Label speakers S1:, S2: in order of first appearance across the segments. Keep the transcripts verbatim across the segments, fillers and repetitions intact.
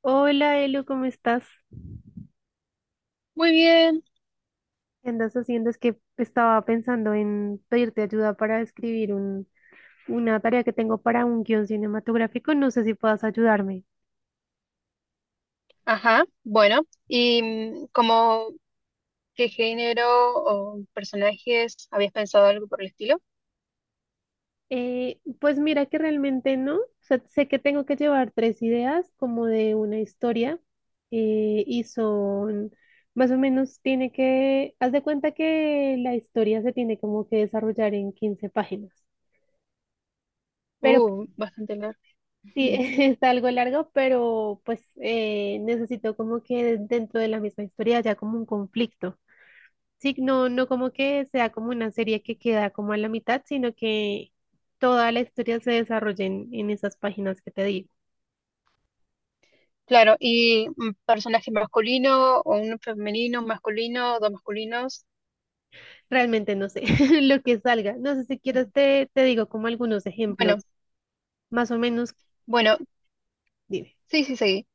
S1: Hola Elu, ¿cómo estás?
S2: Muy bien,
S1: ¿Qué andas haciendo? Es que estaba pensando en pedirte ayuda para escribir un, una tarea que tengo para un guión cinematográfico. No sé si puedas ayudarme.
S2: ajá, bueno, y mm, como qué género o personajes habías pensado algo por el estilo?
S1: Eh, pues mira que realmente no. O sea, sé que tengo que llevar tres ideas como de una historia, eh, y son más o menos tiene que, haz de cuenta que la historia se tiene como que desarrollar en quince páginas. Pero
S2: Uh, bastante largo.
S1: sí,
S2: Ujú.
S1: es algo largo, pero pues eh, necesito como que dentro de la misma historia haya como un conflicto. Sí, no, no como que sea como una serie que queda como a la mitad, sino que toda la historia se desarrolle en, en esas páginas que te digo.
S2: Claro, ¿y un personaje masculino o un femenino, un masculino, dos masculinos?
S1: Realmente no sé lo que salga. No sé si quieres te, te digo como algunos
S2: Bueno,
S1: ejemplos, más o menos,
S2: bueno,
S1: dime.
S2: sí, sí, sí,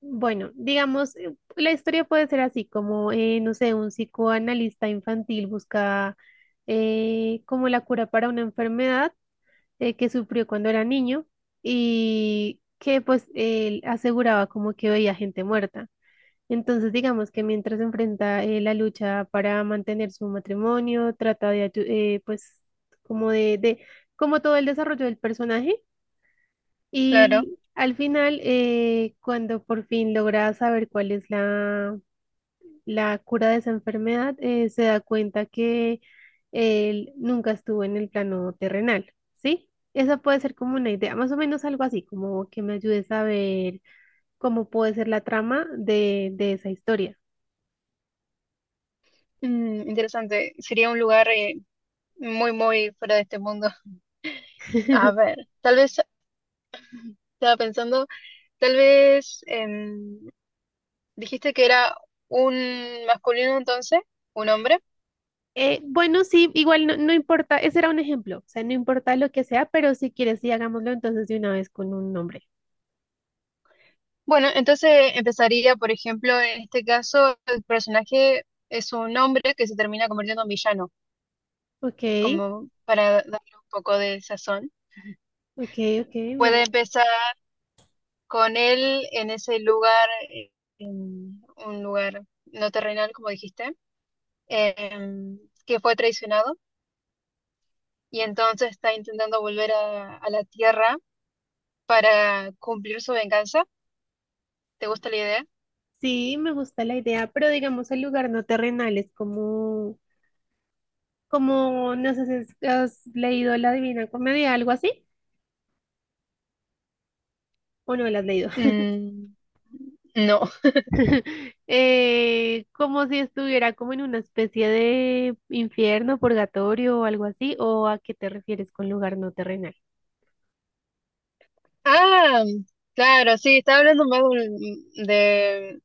S1: Bueno, digamos, eh, la historia puede ser así, como, eh, no sé, un psicoanalista infantil busca, eh, como la cura para una enfermedad, eh, que sufrió cuando era niño y que pues él aseguraba como que veía gente muerta. Entonces, digamos que mientras enfrenta eh, la lucha para mantener su matrimonio, trata de, ayu- eh, pues, como de, de, como todo el desarrollo del personaje.
S2: claro.
S1: Y al final, eh, cuando por fin logra saber cuál es la, la cura de esa enfermedad, eh, se da cuenta que él nunca estuvo en el plano terrenal, ¿sí? Esa puede ser como una idea, más o menos algo así, como que me ayudes a ver cómo puede ser la trama de, de esa historia.
S2: Mm, interesante, sería un lugar eh, muy, muy fuera de este mundo. A ver, tal vez estaba pensando, tal vez em, dijiste que era un masculino entonces, un hombre.
S1: Eh, bueno, sí, igual no, no importa, ese era un ejemplo, o sea, no importa lo que sea, pero si quieres, sí, hagámoslo entonces de una vez con un nombre.
S2: Bueno, entonces empezaría, por ejemplo, en este caso, el personaje es un hombre que se termina convirtiendo en villano,
S1: Ok,
S2: como para darle un poco de sazón.
S1: ok, ok, me
S2: Puede empezar con él en ese lugar, eh, en un lugar no terrenal, como dijiste, em, que fue traicionado y entonces está intentando volver a, a la tierra para cumplir su venganza. ¿Te gusta la idea?
S1: sí, me gusta la idea, pero digamos el lugar no terrenal es como, como, no sé si has leído La Divina Comedia, algo así, o no la has leído.
S2: Mm, no.
S1: Eh, como si estuviera como en una especie de infierno, purgatorio o algo así, o a qué te refieres con lugar no terrenal.
S2: Ah, claro, sí, estaba hablando más de, un- de-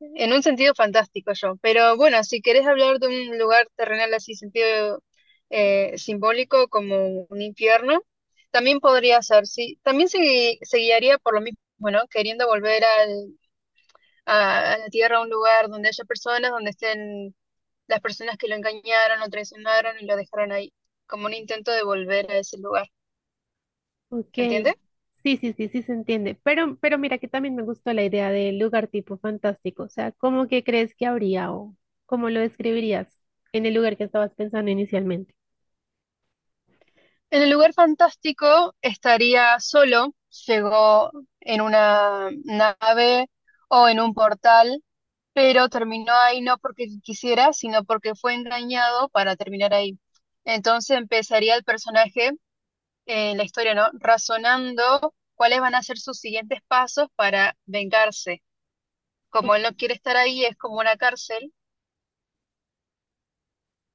S2: en un sentido fantástico yo. Pero bueno, si querés hablar de un lugar terrenal así, sentido eh, simbólico como un infierno, también podría ser, sí. También se, gui- se guiaría por lo mismo, bueno, queriendo volver al, a, a la tierra, a un lugar donde haya personas, donde estén las personas que lo engañaron, lo traicionaron y lo dejaron ahí, como un intento de volver a ese lugar.
S1: Ok,
S2: ¿Se entiende?
S1: sí, sí, sí, sí se entiende. Pero, pero mira que también me gustó la idea del lugar tipo fantástico. O sea, ¿cómo que crees que habría o cómo lo describirías en el lugar que estabas pensando inicialmente?
S2: En el lugar fantástico estaría solo, llegó en una nave o en un portal, pero terminó ahí no porque quisiera, sino porque fue engañado para terminar ahí. Entonces empezaría el personaje en la historia, ¿no? Razonando cuáles van a ser sus siguientes pasos para vengarse. Como él no quiere estar ahí, es como una cárcel.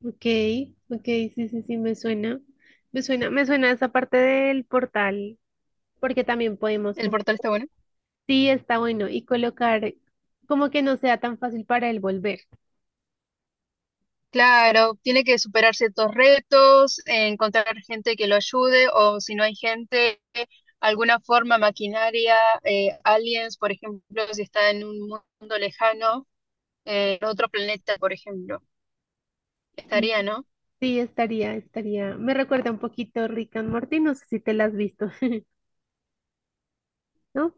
S1: Ok, ok, sí, sí, sí, me suena. Me suena, me suena esa parte del portal, porque también podemos,
S2: El
S1: com-
S2: portal está bueno.
S1: sí, está bueno, y colocar como que no sea tan fácil para él volver.
S2: Claro, tiene que superar ciertos retos, eh, encontrar gente que lo ayude o si no hay gente, alguna forma maquinaria, eh, aliens, por ejemplo, si está en un mundo lejano, eh, en otro planeta, por ejemplo,
S1: Ujú.
S2: estaría, ¿no?
S1: Sí, estaría, estaría. Me recuerda un poquito Rick and Morty, no sé si te la has visto, ¿no?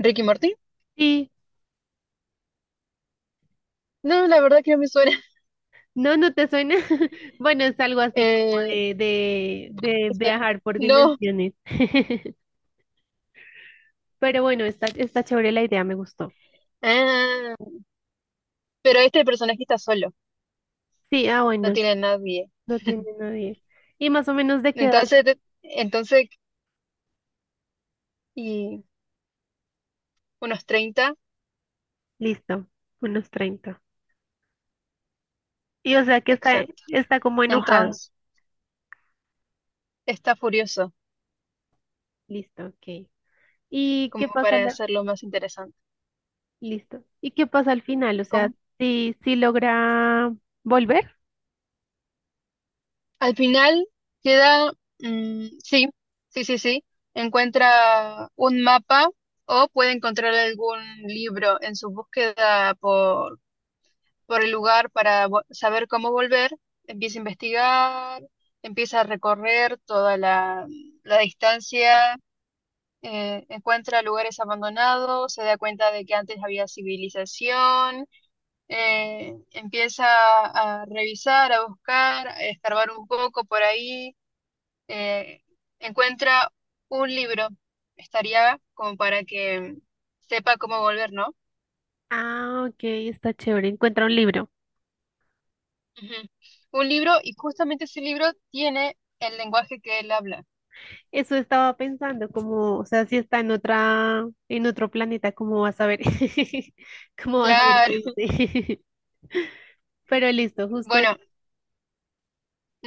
S2: ¿Ricky Martin?
S1: Sí,
S2: No, la verdad que no me suena.
S1: no, no te suena. Bueno, es algo así como
S2: Eh,
S1: de, de, de viajar por
S2: no.
S1: dimensiones. Pero bueno, está, está chévere la idea, me gustó.
S2: Ah, pero este personaje está solo,
S1: Sí, ah, bueno,
S2: no
S1: s-
S2: tiene a nadie.
S1: no tiene nadie. Y más o menos de qué edad,
S2: Entonces, te- entonces, y unos treinta,
S1: listo, unos treinta. Y o sea que está,
S2: exacto.
S1: está como enojado.
S2: Entonces, está furioso.
S1: Listo, ok. ¿Y
S2: Como
S1: qué pasa
S2: para
S1: la-
S2: hacerlo más interesante.
S1: listo? ¿Y qué pasa al final? O sea,
S2: Como...
S1: si, si logra volver.
S2: Al final queda, mm, sí, sí, sí, sí, encuentra un mapa o puede encontrar algún libro en su búsqueda por, por el lugar para vo- saber cómo volver. Empieza a investigar, empieza a recorrer toda la, la distancia. Eh, encuentra lugares abandonados, se da cuenta de que antes había civilización, eh, empieza a revisar, a buscar, a escarbar un poco por ahí, eh, encuentra un libro, estaría como para que sepa cómo volver, ¿no?
S1: Ah, ok, está chévere. Encuentra un libro.
S2: Ujú. Un libro y justamente ese libro tiene el lenguaje que él habla.
S1: Eso estaba pensando, como, o sea, si está en otra, en otro planeta, ¿cómo vas a ver? ¿Cómo vas a ver
S2: Claro.
S1: qué dice? Pero listo, justo.
S2: Bueno,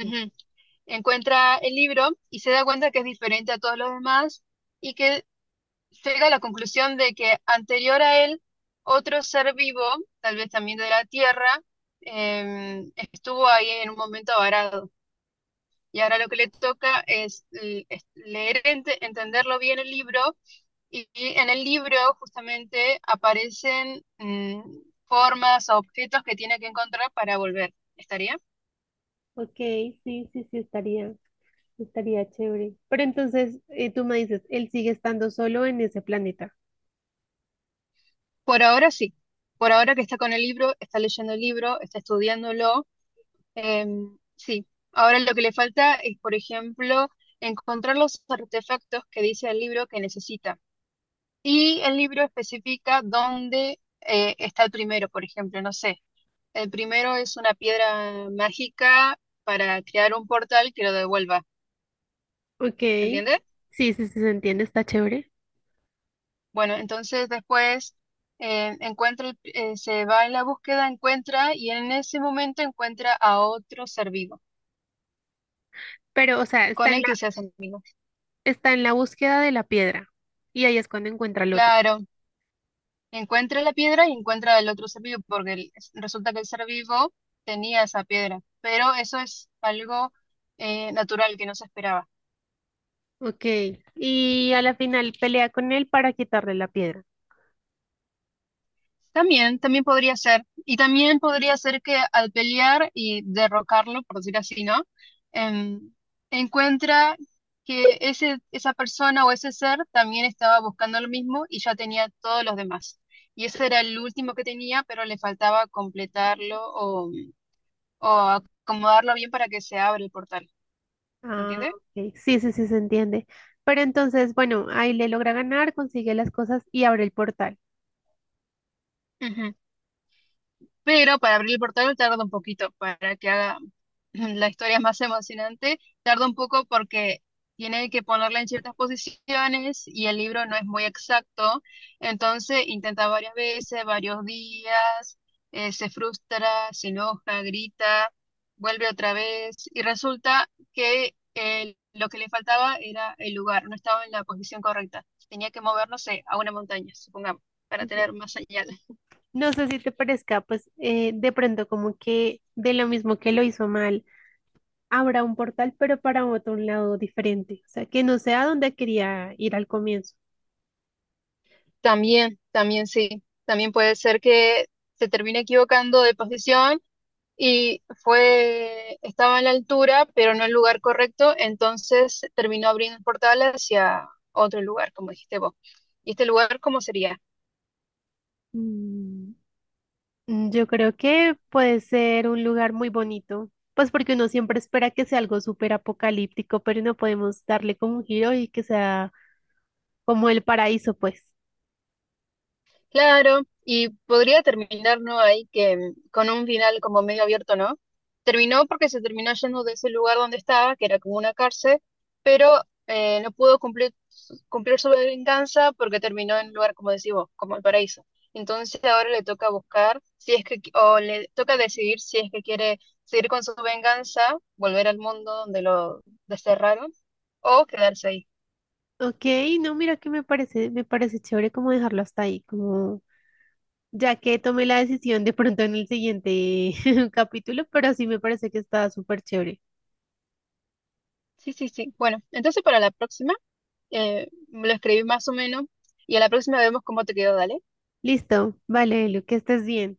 S1: Este.
S2: Encuentra el libro y se da cuenta que es diferente a todos los demás y que llega a la conclusión de que anterior a él, otro ser vivo, tal vez también de la Tierra, em, estuvo ahí en un momento varado. Y ahora lo que le toca es, l- es leer, ente- entenderlo bien el libro, y, y en el libro justamente aparecen mm, formas o objetos que tiene que encontrar para volver. ¿Estaría?
S1: Ok, sí, sí, sí, estaría, estaría chévere. Pero entonces, eh, tú me dices, él sigue estando solo en ese planeta.
S2: Por ahora sí. Por ahora que está con el libro, está leyendo el libro, está estudiándolo. Em, sí, ahora lo que le falta es, por ejemplo, encontrar los artefactos que dice el libro que necesita. Y el libro especifica dónde eh, está el primero, por ejemplo, no sé. El primero es una piedra mágica para crear un portal que lo devuelva.
S1: Ok,
S2: ¿Se
S1: sí,
S2: entiende?
S1: sí, sí, se entiende, está chévere.
S2: Bueno, entonces después eh, encuentra, el- eh, se va en la búsqueda, encuentra y en ese momento encuentra a otro ser vivo
S1: Pero, o sea, está
S2: con
S1: en
S2: el
S1: la,
S2: que se hace amigo.
S1: está en la búsqueda de la piedra. Y ahí es cuando encuentra al otro.
S2: Claro. Encuentra la piedra y encuentra el otro ser vivo, porque el- resulta que el ser vivo tenía esa piedra, pero eso es algo eh, natural que no se esperaba.
S1: Ok, y a la final pelea con él para quitarle la piedra.
S2: También, también podría ser, y también podría ser que al pelear y derrocarlo, por decir así, ¿no? Em, Encuentra que ese, esa persona o ese ser también estaba buscando lo mismo y ya tenía todos los demás. Y ese era el último que tenía, pero le faltaba completarlo o o acomodarlo bien para que se abra el portal. ¿Se
S1: Ah,
S2: entiende?
S1: ok. Sí, sí, sí, se entiende. Pero entonces, bueno, ahí le logra ganar, consigue las cosas y abre el portal.
S2: Ujú. Pero para abrir el portal tarda un poquito, para que haga la historia más emocionante, tarda un poco porque tiene que ponerla en ciertas posiciones y el libro no es muy exacto, entonces intenta varias veces, varios días, eh, se frustra, se enoja, grita, vuelve otra vez y resulta que eh, lo que le faltaba era el lugar, no estaba en la posición correcta, tenía que movernos a una montaña, supongamos, para
S1: Ok.
S2: tener más allá.
S1: No sé si te parezca, pues eh, de pronto como que de lo mismo que lo hizo mal, abra un portal, pero para otro lado diferente. O sea, que no sea donde quería ir al comienzo.
S2: También, también sí, también puede ser que se termine equivocando de posición y fue, estaba en la altura, pero no en el lugar correcto, entonces terminó abriendo el portal hacia otro lugar, como dijiste vos. ¿Y este lugar cómo sería?
S1: Mm, yo creo que puede ser un lugar muy bonito, pues porque uno siempre espera que sea algo súper apocalíptico, pero no podemos darle como un giro y que sea como el paraíso, pues.
S2: Claro, y podría terminar, ¿no? Ahí que mm, con un final como medio abierto, ¿no? Terminó porque se terminó yendo de ese lugar donde estaba, que era como una cárcel, pero eh, no pudo cumplir, su- cumplir su venganza porque terminó en un lugar, como decís vos, como el paraíso. Entonces ahora le toca buscar si es que, qui- o le toca decidir si es que quiere seguir con su venganza, volver al mundo donde lo desterraron, o quedarse ahí.
S1: Ok, no, mira que me parece, me parece chévere como dejarlo hasta ahí, como ya que tomé la decisión de pronto en el siguiente capítulo, pero sí me parece que está súper chévere.
S2: Sí, sí, sí. Bueno, entonces para la próxima. Eh, lo escribí más o menos y a la próxima vemos cómo te quedó, dale.
S1: Listo, vale, Lu, que estés bien.